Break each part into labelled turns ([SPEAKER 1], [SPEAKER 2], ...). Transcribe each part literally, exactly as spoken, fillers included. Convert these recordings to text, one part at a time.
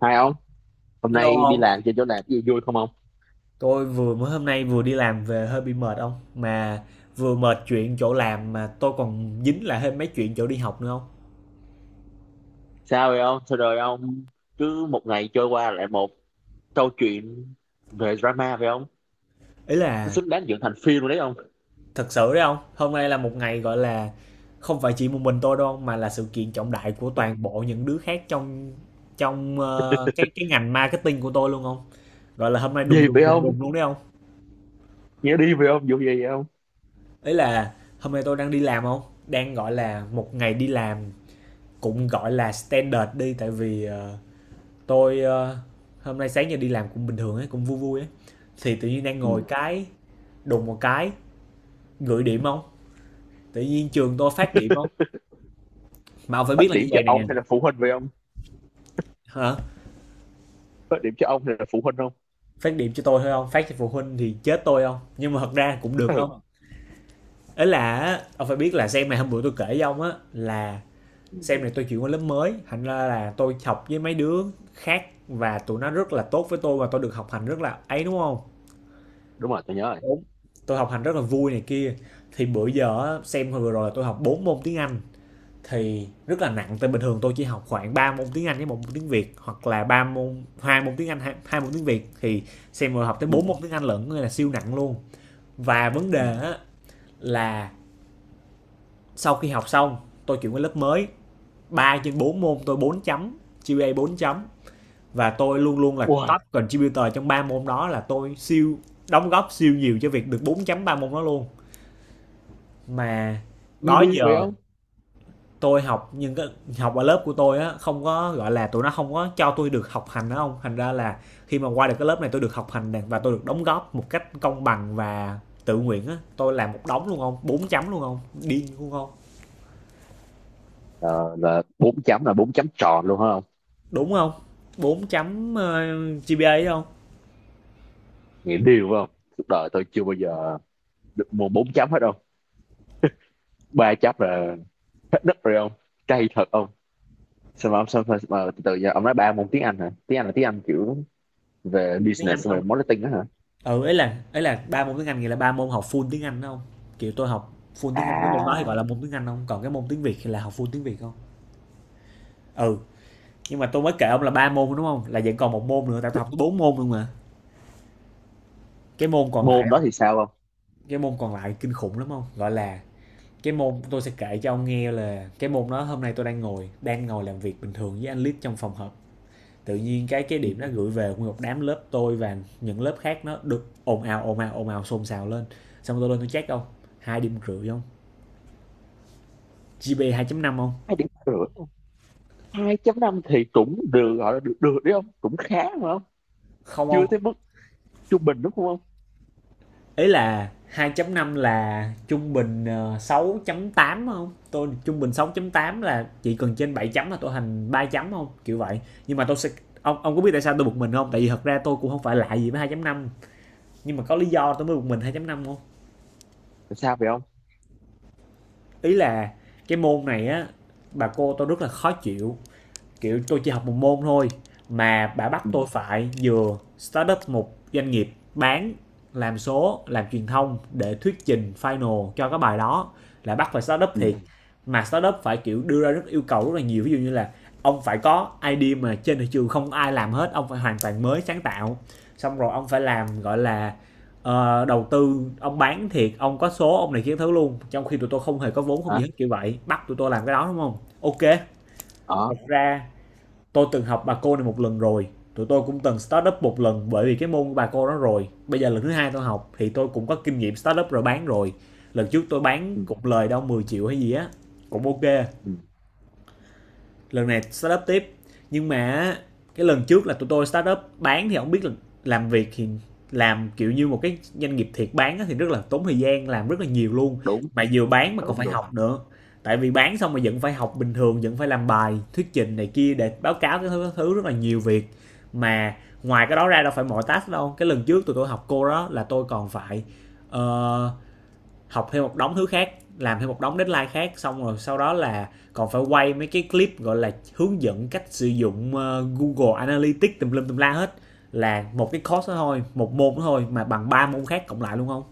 [SPEAKER 1] Hai ông, hôm
[SPEAKER 2] Hello
[SPEAKER 1] nay đi
[SPEAKER 2] ông,
[SPEAKER 1] làm trên chỗ làm cái gì vui không ông?
[SPEAKER 2] tôi vừa mới hôm nay vừa đi làm về hơi bị mệt ông, mà vừa mệt chuyện chỗ làm mà tôi còn dính lại thêm mấy chuyện chỗ đi học nữa không?
[SPEAKER 1] Sao vậy ông? Sao rồi ông? Cứ một ngày trôi qua lại một câu chuyện về drama vậy ông?
[SPEAKER 2] Ý
[SPEAKER 1] Nó
[SPEAKER 2] là
[SPEAKER 1] xứng đáng dựng thành phim rồi đấy ông.
[SPEAKER 2] thật sự đấy ông, hôm nay là một ngày gọi là không phải chỉ một mình tôi đâu ông, mà là sự kiện trọng đại của toàn bộ những đứa khác trong trong ờ, cái cái ngành marketing của tôi luôn không? Gọi là hôm nay đùng
[SPEAKER 1] Gì
[SPEAKER 2] đùng
[SPEAKER 1] vậy
[SPEAKER 2] đùng
[SPEAKER 1] ông?
[SPEAKER 2] đùng luôn đấy không?
[SPEAKER 1] Nghĩa đi vậy ông? Vụ gì vậy ông?
[SPEAKER 2] Ý là hôm nay tôi đang đi làm không? Đang gọi là một ngày đi làm cũng gọi là standard đi, tại vì ờ, tôi ờ, hôm nay sáng giờ đi làm cũng bình thường ấy, cũng vui vui ấy thì tự nhiên đang ngồi
[SPEAKER 1] Ừ.
[SPEAKER 2] cái đùng một cái gửi điểm không. Tự nhiên trường tôi phát điểm không, mà ông phải biết
[SPEAKER 1] Phát
[SPEAKER 2] là như
[SPEAKER 1] điểm cho
[SPEAKER 2] vậy nè.
[SPEAKER 1] ông hay là phụ huynh vậy ông?
[SPEAKER 2] Hả?
[SPEAKER 1] Phát điểm cho ông hay là phụ huynh không?
[SPEAKER 2] Phát điểm cho tôi thôi không phát cho phụ huynh thì chết tôi không, nhưng mà thật ra cũng được
[SPEAKER 1] Ừ.
[SPEAKER 2] không. Ấy là á, ông phải biết là xem này, hôm bữa tôi kể với ông á là
[SPEAKER 1] Ừ.
[SPEAKER 2] xem này tôi chuyển qua lớp mới, thành ra là tôi học với mấy đứa khác và tụi nó rất là tốt với tôi và tôi được học hành rất là ấy đúng không?
[SPEAKER 1] Đúng rồi, tôi nhớ rồi.
[SPEAKER 2] Đúng. Tôi học hành rất là vui này kia. Thì bữa giờ á, xem hồi vừa rồi là tôi học bốn môn tiếng Anh thì rất là nặng, tại bình thường tôi chỉ học khoảng ba môn tiếng Anh với một môn tiếng Việt, hoặc là ba môn, hai môn tiếng Anh hai, hai môn tiếng Việt thì xem rồi học tới
[SPEAKER 1] Ừ.
[SPEAKER 2] bốn môn tiếng Anh lận nên là siêu nặng luôn. Và vấn đề
[SPEAKER 1] Ừ.
[SPEAKER 2] á, là sau khi học xong tôi chuyển qua lớp mới, ba trên bốn môn tôi bốn chấm, giê pê a bốn chấm, và tôi luôn luôn là
[SPEAKER 1] Ui,
[SPEAKER 2] top contributor trong ba môn đó, là tôi siêu đóng góp siêu nhiều cho việc được bốn chấm ba môn đó luôn. Mà
[SPEAKER 1] nghe
[SPEAKER 2] đó
[SPEAKER 1] đi vậy
[SPEAKER 2] giờ
[SPEAKER 1] ông?
[SPEAKER 2] tôi học, nhưng cái học ở lớp của tôi á, không có, gọi là, tụi nó không có cho tôi được học hành á ông, thành ra là khi mà qua được cái lớp này tôi được học hành nè, và tôi được đóng góp một cách công bằng và tự nguyện á. Tôi làm một đống luôn không? Bốn chấm luôn không? Điên luôn không?
[SPEAKER 1] Ờ, là bốn chấm là bốn chấm tròn luôn hả ông?
[SPEAKER 2] Đúng không? Bốn chấm, ơ, giê pê a á ông,
[SPEAKER 1] Nghĩa đi phải không? Suốt đời tôi chưa bao giờ được mua bốn chấm hết đâu. Ba chấm là đất rồi ông, cay thật ông. Sao mà ông sao mà, mà từ từ giờ ông nói ba môn tiếng Anh hả? Tiếng Anh là tiếng Anh kiểu về
[SPEAKER 2] full tiếng Anh
[SPEAKER 1] business xong rồi
[SPEAKER 2] không?
[SPEAKER 1] marketing đó hả?
[SPEAKER 2] Ừ, ấy là ấy là ba môn tiếng Anh nghĩa là ba môn học full tiếng Anh á không? Kiểu, tôi học full tiếng Anh, cái môn đó thì gọi
[SPEAKER 1] À,
[SPEAKER 2] là môn tiếng Anh không? Còn cái môn tiếng Việt thì là học full tiếng Việt không? Ừ. Nhưng mà tôi mới kể ông là ba môn đúng không, là vẫn còn một môn nữa, tại tôi học bốn môn luôn mà. Cái môn còn lại,
[SPEAKER 1] môn đó thì sao không?
[SPEAKER 2] cái môn còn lại kinh khủng lắm không, gọi là cái môn tôi sẽ kể cho ông nghe là cái môn đó hôm nay tôi đang ngồi đang ngồi làm việc bình thường với anh lít trong phòng họp, tự nhiên cái cái
[SPEAKER 1] Ừ,
[SPEAKER 2] điểm nó gửi về nguyên một đám lớp tôi và những lớp khác, nó được ồn ào ồn ào ồn ào xôn xào lên. Xong tôi lên tôi check không, hai điểm rưỡi không, gp hai năm không.
[SPEAKER 1] hai điểm rưỡi không? Hai chấm năm thì cũng được, gọi là được được đấy không, cũng khá mà không?
[SPEAKER 2] Không, không.
[SPEAKER 1] Chưa tới mức trung bình đúng không ông?
[SPEAKER 2] Ý là hai chấm năm là trung bình, ờ, sáu chấm tám không, tôi trung bình sáu chấm tám là chỉ cần trên bảy chấm là tôi thành ba chấm không, kiểu vậy. Nhưng mà tôi sẽ, ông ông có biết tại sao tôi bực mình không? Tại vì thật ra tôi cũng không phải lạ gì với hai chấm năm, nhưng mà có lý do tôi mới bực mình hai chấm năm không.
[SPEAKER 1] Là sao vậy ông?
[SPEAKER 2] Ý là cái môn này á, bà cô tôi rất là khó chịu, kiểu tôi chỉ học một môn thôi mà bà bắt
[SPEAKER 1] Ừ.
[SPEAKER 2] tôi phải vừa start up một doanh nghiệp, bán, làm số, làm truyền thông để thuyết trình final cho cái bài đó, là bắt phải start up
[SPEAKER 1] Ừ.
[SPEAKER 2] thiệt. Mà start up phải kiểu đưa ra rất yêu cầu rất là nhiều, ví dụ như là ông phải có idea mà trên thị trường không ai làm hết, ông phải hoàn toàn mới sáng tạo, xong rồi ông phải làm gọi là ờ, đầu tư, ông bán thiệt, ông có số ông này kia thứ luôn, trong khi tụi tôi không hề có vốn không gì
[SPEAKER 1] Hả?
[SPEAKER 2] hết, kiểu vậy bắt tụi tôi làm cái đó đúng không? Ok.
[SPEAKER 1] Ờ.
[SPEAKER 2] Thật ra tôi từng học bà cô này một lần rồi, tụi tôi cũng từng start up một lần bởi vì cái môn của bà cô đó, rồi bây giờ lần thứ hai tôi học thì tôi cũng có kinh nghiệm start up rồi, bán rồi. Lần trước tôi bán
[SPEAKER 1] Ừ,
[SPEAKER 2] cục lời đâu mười triệu hay gì á, cũng ok.
[SPEAKER 1] ừ.
[SPEAKER 2] Lần này start up tiếp, nhưng mà cái lần trước là tụi tôi start up bán, thì không biết là làm việc thì làm kiểu như một cái doanh nghiệp thiệt bán á thì rất là tốn thời gian, làm rất là nhiều luôn.
[SPEAKER 1] Đúng,
[SPEAKER 2] Mà vừa bán mà còn
[SPEAKER 1] đúng,
[SPEAKER 2] phải
[SPEAKER 1] đúng.
[SPEAKER 2] học nữa, tại vì bán xong mà vẫn phải học bình thường, vẫn phải làm bài thuyết trình này kia để báo cáo cái thứ, thứ, rất là nhiều việc. Mà ngoài cái đó ra đâu phải mọi task đâu, cái lần trước tụi tôi học cô đó là tôi còn phải ờ, học thêm một đống thứ khác, làm thêm một đống deadline khác, xong rồi sau đó là còn phải quay mấy cái clip gọi là hướng dẫn cách sử dụng ờ, Google Analytics tùm lum tùm la hết, là một cái course đó thôi, một môn đó thôi mà bằng ba môn khác cộng lại luôn không.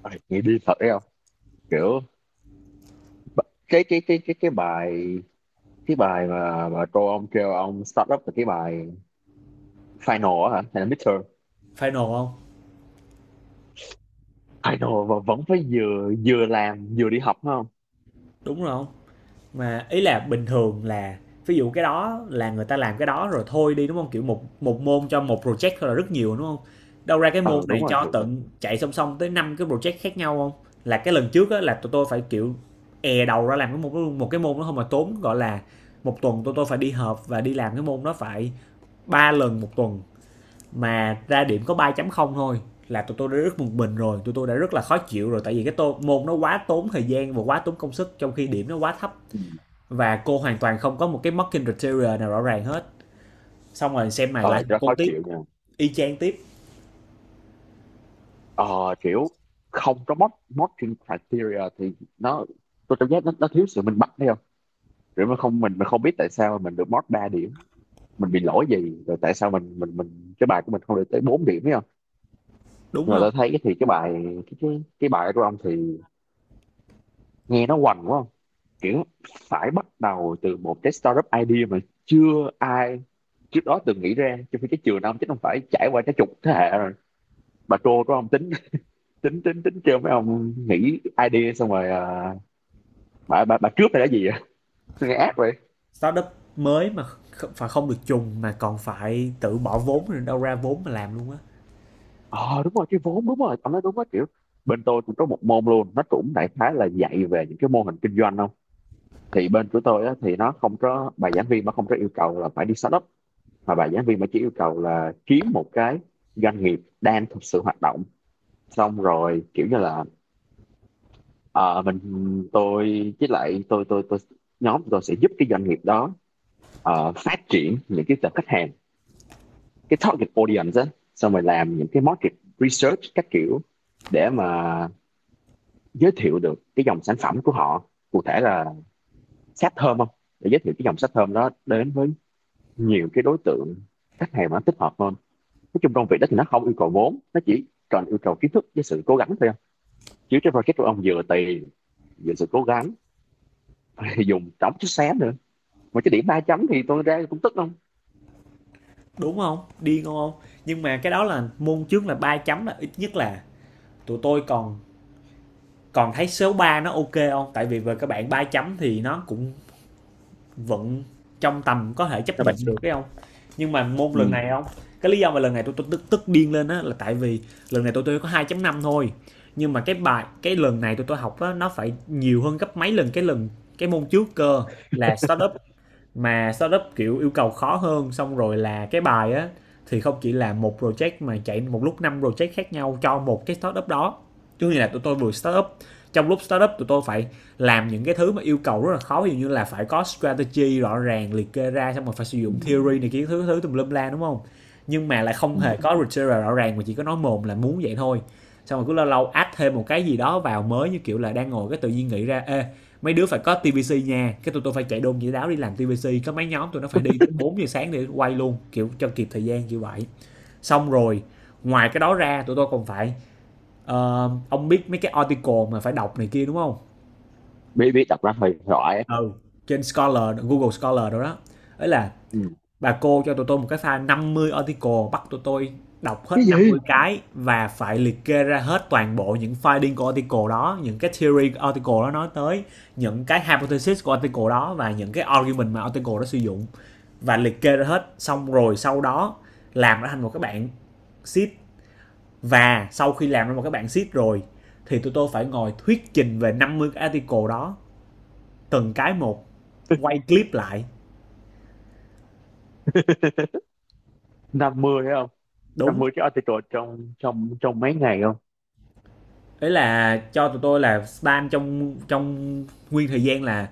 [SPEAKER 1] Ôi, nghĩ đi thật đấy không? Kiểu b- cái cái cái cái cái bài cái bài mà mà cô ông kêu ông start up là cái bài final á, hả hay là midterm?
[SPEAKER 2] Final không.
[SPEAKER 1] Final mà vẫn phải vừa vừa làm vừa đi học phải không?
[SPEAKER 2] Đúng rồi không. Mà ý là bình thường là ví dụ cái đó là người ta làm cái đó rồi thôi đi đúng không, kiểu một một môn cho một project thôi là rất nhiều đúng không. Đâu ra cái môn
[SPEAKER 1] Ờ, đúng
[SPEAKER 2] này
[SPEAKER 1] rồi
[SPEAKER 2] cho
[SPEAKER 1] thì.
[SPEAKER 2] tận chạy song song tới năm cái project khác nhau không, là cái lần trước á, là tụi tôi phải kiểu è đầu ra làm cái một một cái môn đó không, mà tốn gọi là một tuần tụi tôi phải đi họp và đi làm cái môn đó phải ba lần một tuần, mà ra điểm có ba chấm không thôi, là tụi tôi đã rất bực mình rồi, tụi tôi đã rất là khó chịu rồi, tại vì cái tô, môn nó quá tốn thời gian và quá tốn công sức trong khi điểm nó quá thấp.
[SPEAKER 1] Ừ.
[SPEAKER 2] Và cô hoàn toàn không có một cái marketing criteria nào rõ ràng hết. Xong rồi xem này lại
[SPEAKER 1] Ờ, cho
[SPEAKER 2] thành
[SPEAKER 1] nó
[SPEAKER 2] cô
[SPEAKER 1] khó
[SPEAKER 2] tiếp,
[SPEAKER 1] chịu nha.
[SPEAKER 2] y chang tiếp,
[SPEAKER 1] Ờ, kiểu không có mod modding criteria thì nó, tôi cảm giác nó, nó thiếu sự minh bạch thấy không? Kiểu mà không, mình mình không biết tại sao mà mình được mod ba điểm, mình bị lỗi gì rồi, tại sao mình mình mình cái bài của mình không được tới bốn điểm thấy không?
[SPEAKER 2] đúng
[SPEAKER 1] Nhưng mà
[SPEAKER 2] không?
[SPEAKER 1] tôi thấy thì cái bài cái cái, cái bài của ông thì nghe nó hoành quá, kiểu phải bắt đầu từ một cái startup idea mà chưa ai trước đó từng nghĩ ra trong khi cái trường ông chắc không phải trải qua cái chục thế hệ rồi. Bà trô đó ông tính tính tính tính trêu mấy ông nghĩ idea xong rồi, à, bà bà bà cướp hay là gì vậy? Sao nghe ác vậy.
[SPEAKER 2] Startup mới mà, phải không được trùng mà còn phải tự bỏ vốn rồi, đâu ra vốn mà làm luôn á.
[SPEAKER 1] Ờ à, đúng rồi cái vốn, đúng rồi ông nói đúng á, kiểu bên tôi cũng có một môn luôn, nó cũng đại khái là dạy về những cái mô hình kinh doanh không? Thì bên của tôi á, thì nó không có bà giảng viên mà không có yêu cầu là phải đi startup, mà bà giảng viên mà chỉ yêu cầu là kiếm một cái doanh nghiệp đang thực sự hoạt động, xong rồi kiểu như là ờ, mình tôi với lại tôi tôi tôi nhóm tôi sẽ giúp cái doanh nghiệp đó ờ, phát triển những cái tập khách hàng, cái target audience á, xong rồi làm những cái market research các kiểu để mà giới thiệu được cái dòng sản phẩm của họ, cụ thể là sáp thơm không, để giới thiệu cái dòng sáp thơm đó đến với nhiều cái đối tượng khách hàng mà nó thích hợp hơn. Nói chung công việc đó thì nó không yêu cầu vốn, nó chỉ cần yêu cầu kiến thức với sự cố gắng thôi. Không, chứ cái project của ông vừa tiền vừa sự cố gắng. Thì dùng trống chút xé nữa mà cái điểm ba chấm thì tôi ra cũng tức không?
[SPEAKER 2] Đúng không? Điên không? Nhưng mà cái đó là môn trước là ba chấm là ít nhất là tụi tôi còn, còn thấy số ba nó ok không, tại vì về các bạn ba chấm thì nó cũng vẫn trong tầm có thể chấp
[SPEAKER 1] Các
[SPEAKER 2] nhận
[SPEAKER 1] bạn.
[SPEAKER 2] được cái không. Nhưng mà môn lần
[SPEAKER 1] Ừ.
[SPEAKER 2] này không. Cái lý do mà lần này tôi tôi tức tức điên lên á là tại vì lần này tôi tôi có hai năm thôi, nhưng mà cái bài cái lần này tôi tôi học á nó phải nhiều hơn gấp mấy lần cái lần cái môn trước cơ, là startup mà startup kiểu yêu cầu khó hơn, xong rồi là cái bài á thì không chỉ là một project mà chạy một lúc năm project khác nhau cho một cái startup đó. Chứ như là tụi tôi vừa startup, trong lúc startup tụi tôi phải làm những cái thứ mà yêu cầu rất là khó, ví dụ như là phải có strategy rõ ràng liệt kê ra, xong rồi phải sử
[SPEAKER 1] Ừ.
[SPEAKER 2] dụng theory này kia thứ thứ tùm lum la đúng không. Nhưng mà lại không
[SPEAKER 1] Ừ.
[SPEAKER 2] hề có criteria rõ ràng, mà chỉ có nói mồm là muốn vậy thôi. Xong rồi cứ lâu lâu add thêm một cái gì đó vào mới như kiểu là đang ngồi cái tự nhiên nghĩ ra, ê, mấy đứa phải có tê vê xê nha, cái tụi tôi phải chạy đôn dĩa đáo đi làm ti vi xi, có mấy nhóm tụi nó phải đi tới bốn giờ sáng để quay luôn kiểu cho kịp thời gian như vậy. Xong rồi ngoài cái đó ra tụi tôi còn phải ờ, ông biết mấy cái article mà phải đọc này kia đúng không?
[SPEAKER 1] biết biết đọc ra hơi giỏi.
[SPEAKER 2] Ừ. Trên Scholar, Google Scholar đó đó. Ấy là
[SPEAKER 1] Ừ.
[SPEAKER 2] bà cô Cho tụi tôi một cái file năm mươi article, bắt tụi tôi đọc hết
[SPEAKER 1] Cái gì?
[SPEAKER 2] năm mươi cái và phải liệt kê ra hết toàn bộ những finding của article đó, những cái theory của article đó nói tới, những cái hypothesis của article đó và những cái argument mà article đó sử dụng và liệt kê ra hết. Xong rồi sau đó làm nó thành một cái bản sheet, và sau khi làm ra một cái bản sheet rồi thì tụi tôi phải ngồi thuyết trình về năm mươi cái article đó, từng cái một, quay clip lại.
[SPEAKER 1] Năm mươi hay không? năm
[SPEAKER 2] Đúng.
[SPEAKER 1] mươi cái article trong trong trong mấy ngày không?
[SPEAKER 2] Đấy là cho tụi tôi là span trong trong nguyên thời gian là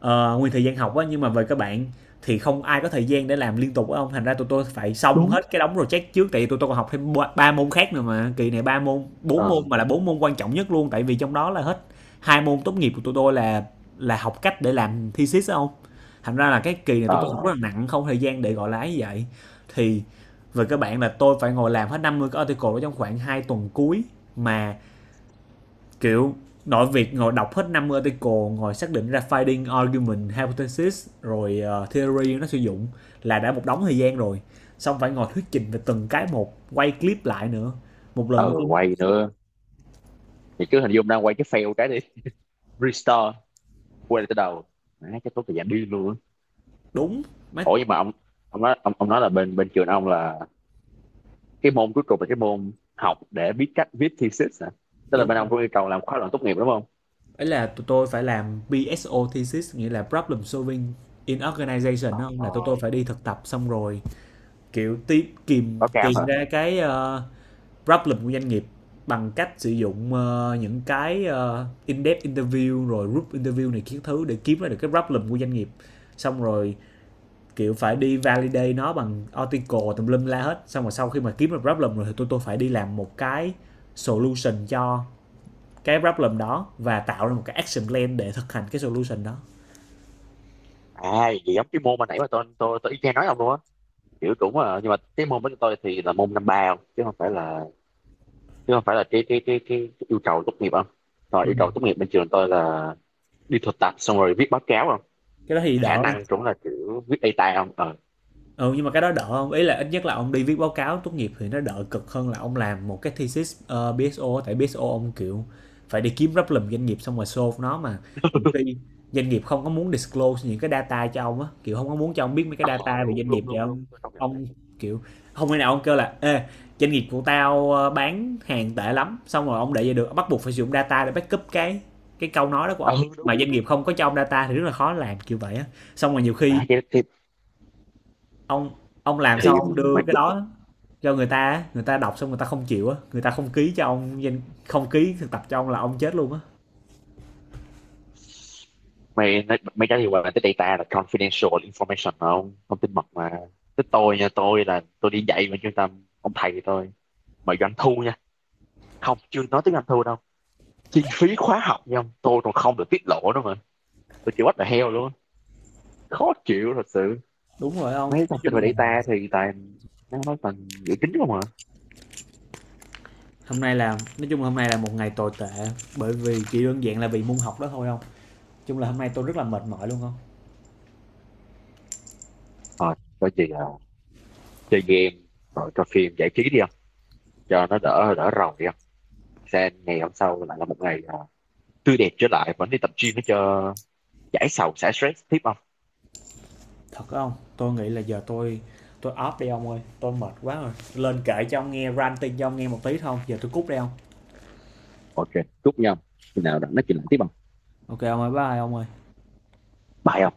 [SPEAKER 2] ờ, nguyên thời gian học á. Nhưng mà về các bạn thì không ai có thời gian để làm liên tục á ông, thành ra tụi tôi phải xong
[SPEAKER 1] Đúng.
[SPEAKER 2] hết cái đống project trước, tại vì tụi tôi còn học thêm ba ba môn khác nữa mà kỳ này ba môn bốn môn,
[SPEAKER 1] ờ
[SPEAKER 2] mà là bốn môn quan trọng nhất luôn, tại vì trong đó là hết hai môn tốt nghiệp của tụi tôi là là học cách để làm thesis á ông. Thành ra là cái kỳ này tụi tôi học
[SPEAKER 1] ờ
[SPEAKER 2] rất là nặng, không thời gian để gọi là ấy vậy. Thì về các bạn là tôi phải ngồi làm hết năm mươi cái article đó trong khoảng hai tuần cuối mà, kiểu, nội việc ngồi đọc hết năm article, ngồi xác định ra finding argument hypothesis rồi ờ, theory nó sử dụng là đã một đống thời gian rồi. Xong phải ngồi thuyết trình về từng cái một, quay clip lại nữa. Một lần
[SPEAKER 1] ờ
[SPEAKER 2] tôi có.
[SPEAKER 1] Quay nữa thì cứ hình dung đang quay cái fail cái đi restore quay lại từ đầu, má chắc tốn thời gian đi luôn á.
[SPEAKER 2] Đúng. Mấy
[SPEAKER 1] Ủa nhưng mà ông ông nói ông, ông nói là bên bên trường ông là cái môn cuối cùng là cái môn học để biết cách viết thesis hả? Tức là
[SPEAKER 2] đúng
[SPEAKER 1] bên
[SPEAKER 2] không,
[SPEAKER 1] ông có yêu cầu làm khóa luận tốt nghiệp đúng không?
[SPEAKER 2] ấy là tụi tôi phải làm pê ét ô thesis, nghĩa là problem solving in organization đó.
[SPEAKER 1] Ờ,
[SPEAKER 2] Là tụi tôi phải đi thực tập, xong rồi kiểu tìm kìm
[SPEAKER 1] báo cáo
[SPEAKER 2] tìm
[SPEAKER 1] hả?
[SPEAKER 2] ra cái ờ, problem của doanh nghiệp bằng cách sử dụng ờ, những cái ờ, in-depth interview rồi group interview này kiến thứ, để kiếm ra được cái problem của doanh nghiệp. Xong rồi kiểu phải đi validate nó bằng article tùm lum la hết, xong rồi sau khi mà kiếm được problem rồi thì tôi tôi phải đi làm một cái solution cho cái problem đó, và tạo ra một cái action plan để thực hành cái solution đó.
[SPEAKER 1] À, gì giống cái môn mà nãy mà tôi tôi tôi y chang nói ông luôn á, kiểu cũng là, nhưng mà cái môn của tụi tôi thì là môn năm ba không, chứ không phải là, chứ không phải là cái cái cái cái, cái yêu cầu tốt nghiệp không? Rồi
[SPEAKER 2] Ừ.
[SPEAKER 1] yêu cầu tốt nghiệp bên trường tôi là đi thực tập xong rồi viết báo cáo không?
[SPEAKER 2] Cái đó thì
[SPEAKER 1] Khả
[SPEAKER 2] đỡ.
[SPEAKER 1] năng cũng là kiểu viết data không. ờ
[SPEAKER 2] Ừ, nhưng mà cái đó đỡ không, ý là ít nhất là ông đi viết báo cáo tốt nghiệp thì nó đỡ cực hơn là ông làm một cái thesis ờ, bê ét ô. Tại bê ét ô ông kiểu phải đi kiếm problem doanh nghiệp xong rồi solve nó mà, nhiều khi doanh nghiệp không có muốn disclose những cái data cho ông á, kiểu không có muốn cho ông biết mấy cái
[SPEAKER 1] ờ
[SPEAKER 2] data về
[SPEAKER 1] Đúng,
[SPEAKER 2] doanh nghiệp
[SPEAKER 1] đúng,
[SPEAKER 2] để
[SPEAKER 1] đúng, đúng,
[SPEAKER 2] ông
[SPEAKER 1] tôi không nhận thì
[SPEAKER 2] ông kiểu không thể nào ông kêu là ê, doanh nghiệp của tao ờ, bán hàng tệ lắm xong rồi ông để vậy được, bắt buộc phải sử dụng data để backup cái cái câu nói đó của
[SPEAKER 1] ờ
[SPEAKER 2] ông, mà
[SPEAKER 1] đúng,
[SPEAKER 2] doanh nghiệp không có cho ông data thì rất là khó làm kiểu vậy á. Xong rồi nhiều khi
[SPEAKER 1] à, thì, thì,
[SPEAKER 2] ông ông làm sao
[SPEAKER 1] thì
[SPEAKER 2] ông đưa
[SPEAKER 1] mày
[SPEAKER 2] cái đó cho người ta á, người ta đọc xong người ta không chịu á, người ta không ký cho ông danh, không ký thực tập cho ông là ông chết luôn á.
[SPEAKER 1] mày mày mày trả lời là cái data là confidential information mà không, thông tin mật mà. Tới tôi nha, tôi là tôi đi dạy bên trung tâm ông, thầy tôi mà doanh thu không, chưa nói tiếng Anh thua đâu, chi phí khóa học nha ông, tôi còn không được tiết lộ nữa mà. Tôi chịu bắt là heo luôn, khó chịu thật sự.
[SPEAKER 2] Đúng rồi ông,
[SPEAKER 1] Mấy
[SPEAKER 2] nói
[SPEAKER 1] thông
[SPEAKER 2] chung
[SPEAKER 1] tin về
[SPEAKER 2] là
[SPEAKER 1] data thì toàn, nó nói toàn dự tính không à.
[SPEAKER 2] hôm nay là, nói chung là hôm nay là một ngày tồi tệ, bởi vì chỉ đơn giản là vì môn học đó thôi, không chung là hôm nay tôi rất là mệt mỏi luôn không
[SPEAKER 1] Rồi coi chị là chơi game, rồi coi phim giải trí đi không, cho nó đỡ đỡ rầu đi không? Sang ngày hôm sau lại là một ngày, à, tươi đẹp trở lại, vẫn đi tập gym để cho giải sầu xả stress tiếp không?
[SPEAKER 2] thật không. Tôi nghĩ là giờ tôi tôi off đi ông ơi, tôi mệt quá rồi, lên kể cho ông nghe ranting cho ông nghe một tí thôi, giờ tôi cút đi ông.
[SPEAKER 1] Ok, chúc nhau khi nào đã nói chuyện lại tiếp không?
[SPEAKER 2] Ok ông ơi, bye ông ơi.
[SPEAKER 1] Bye.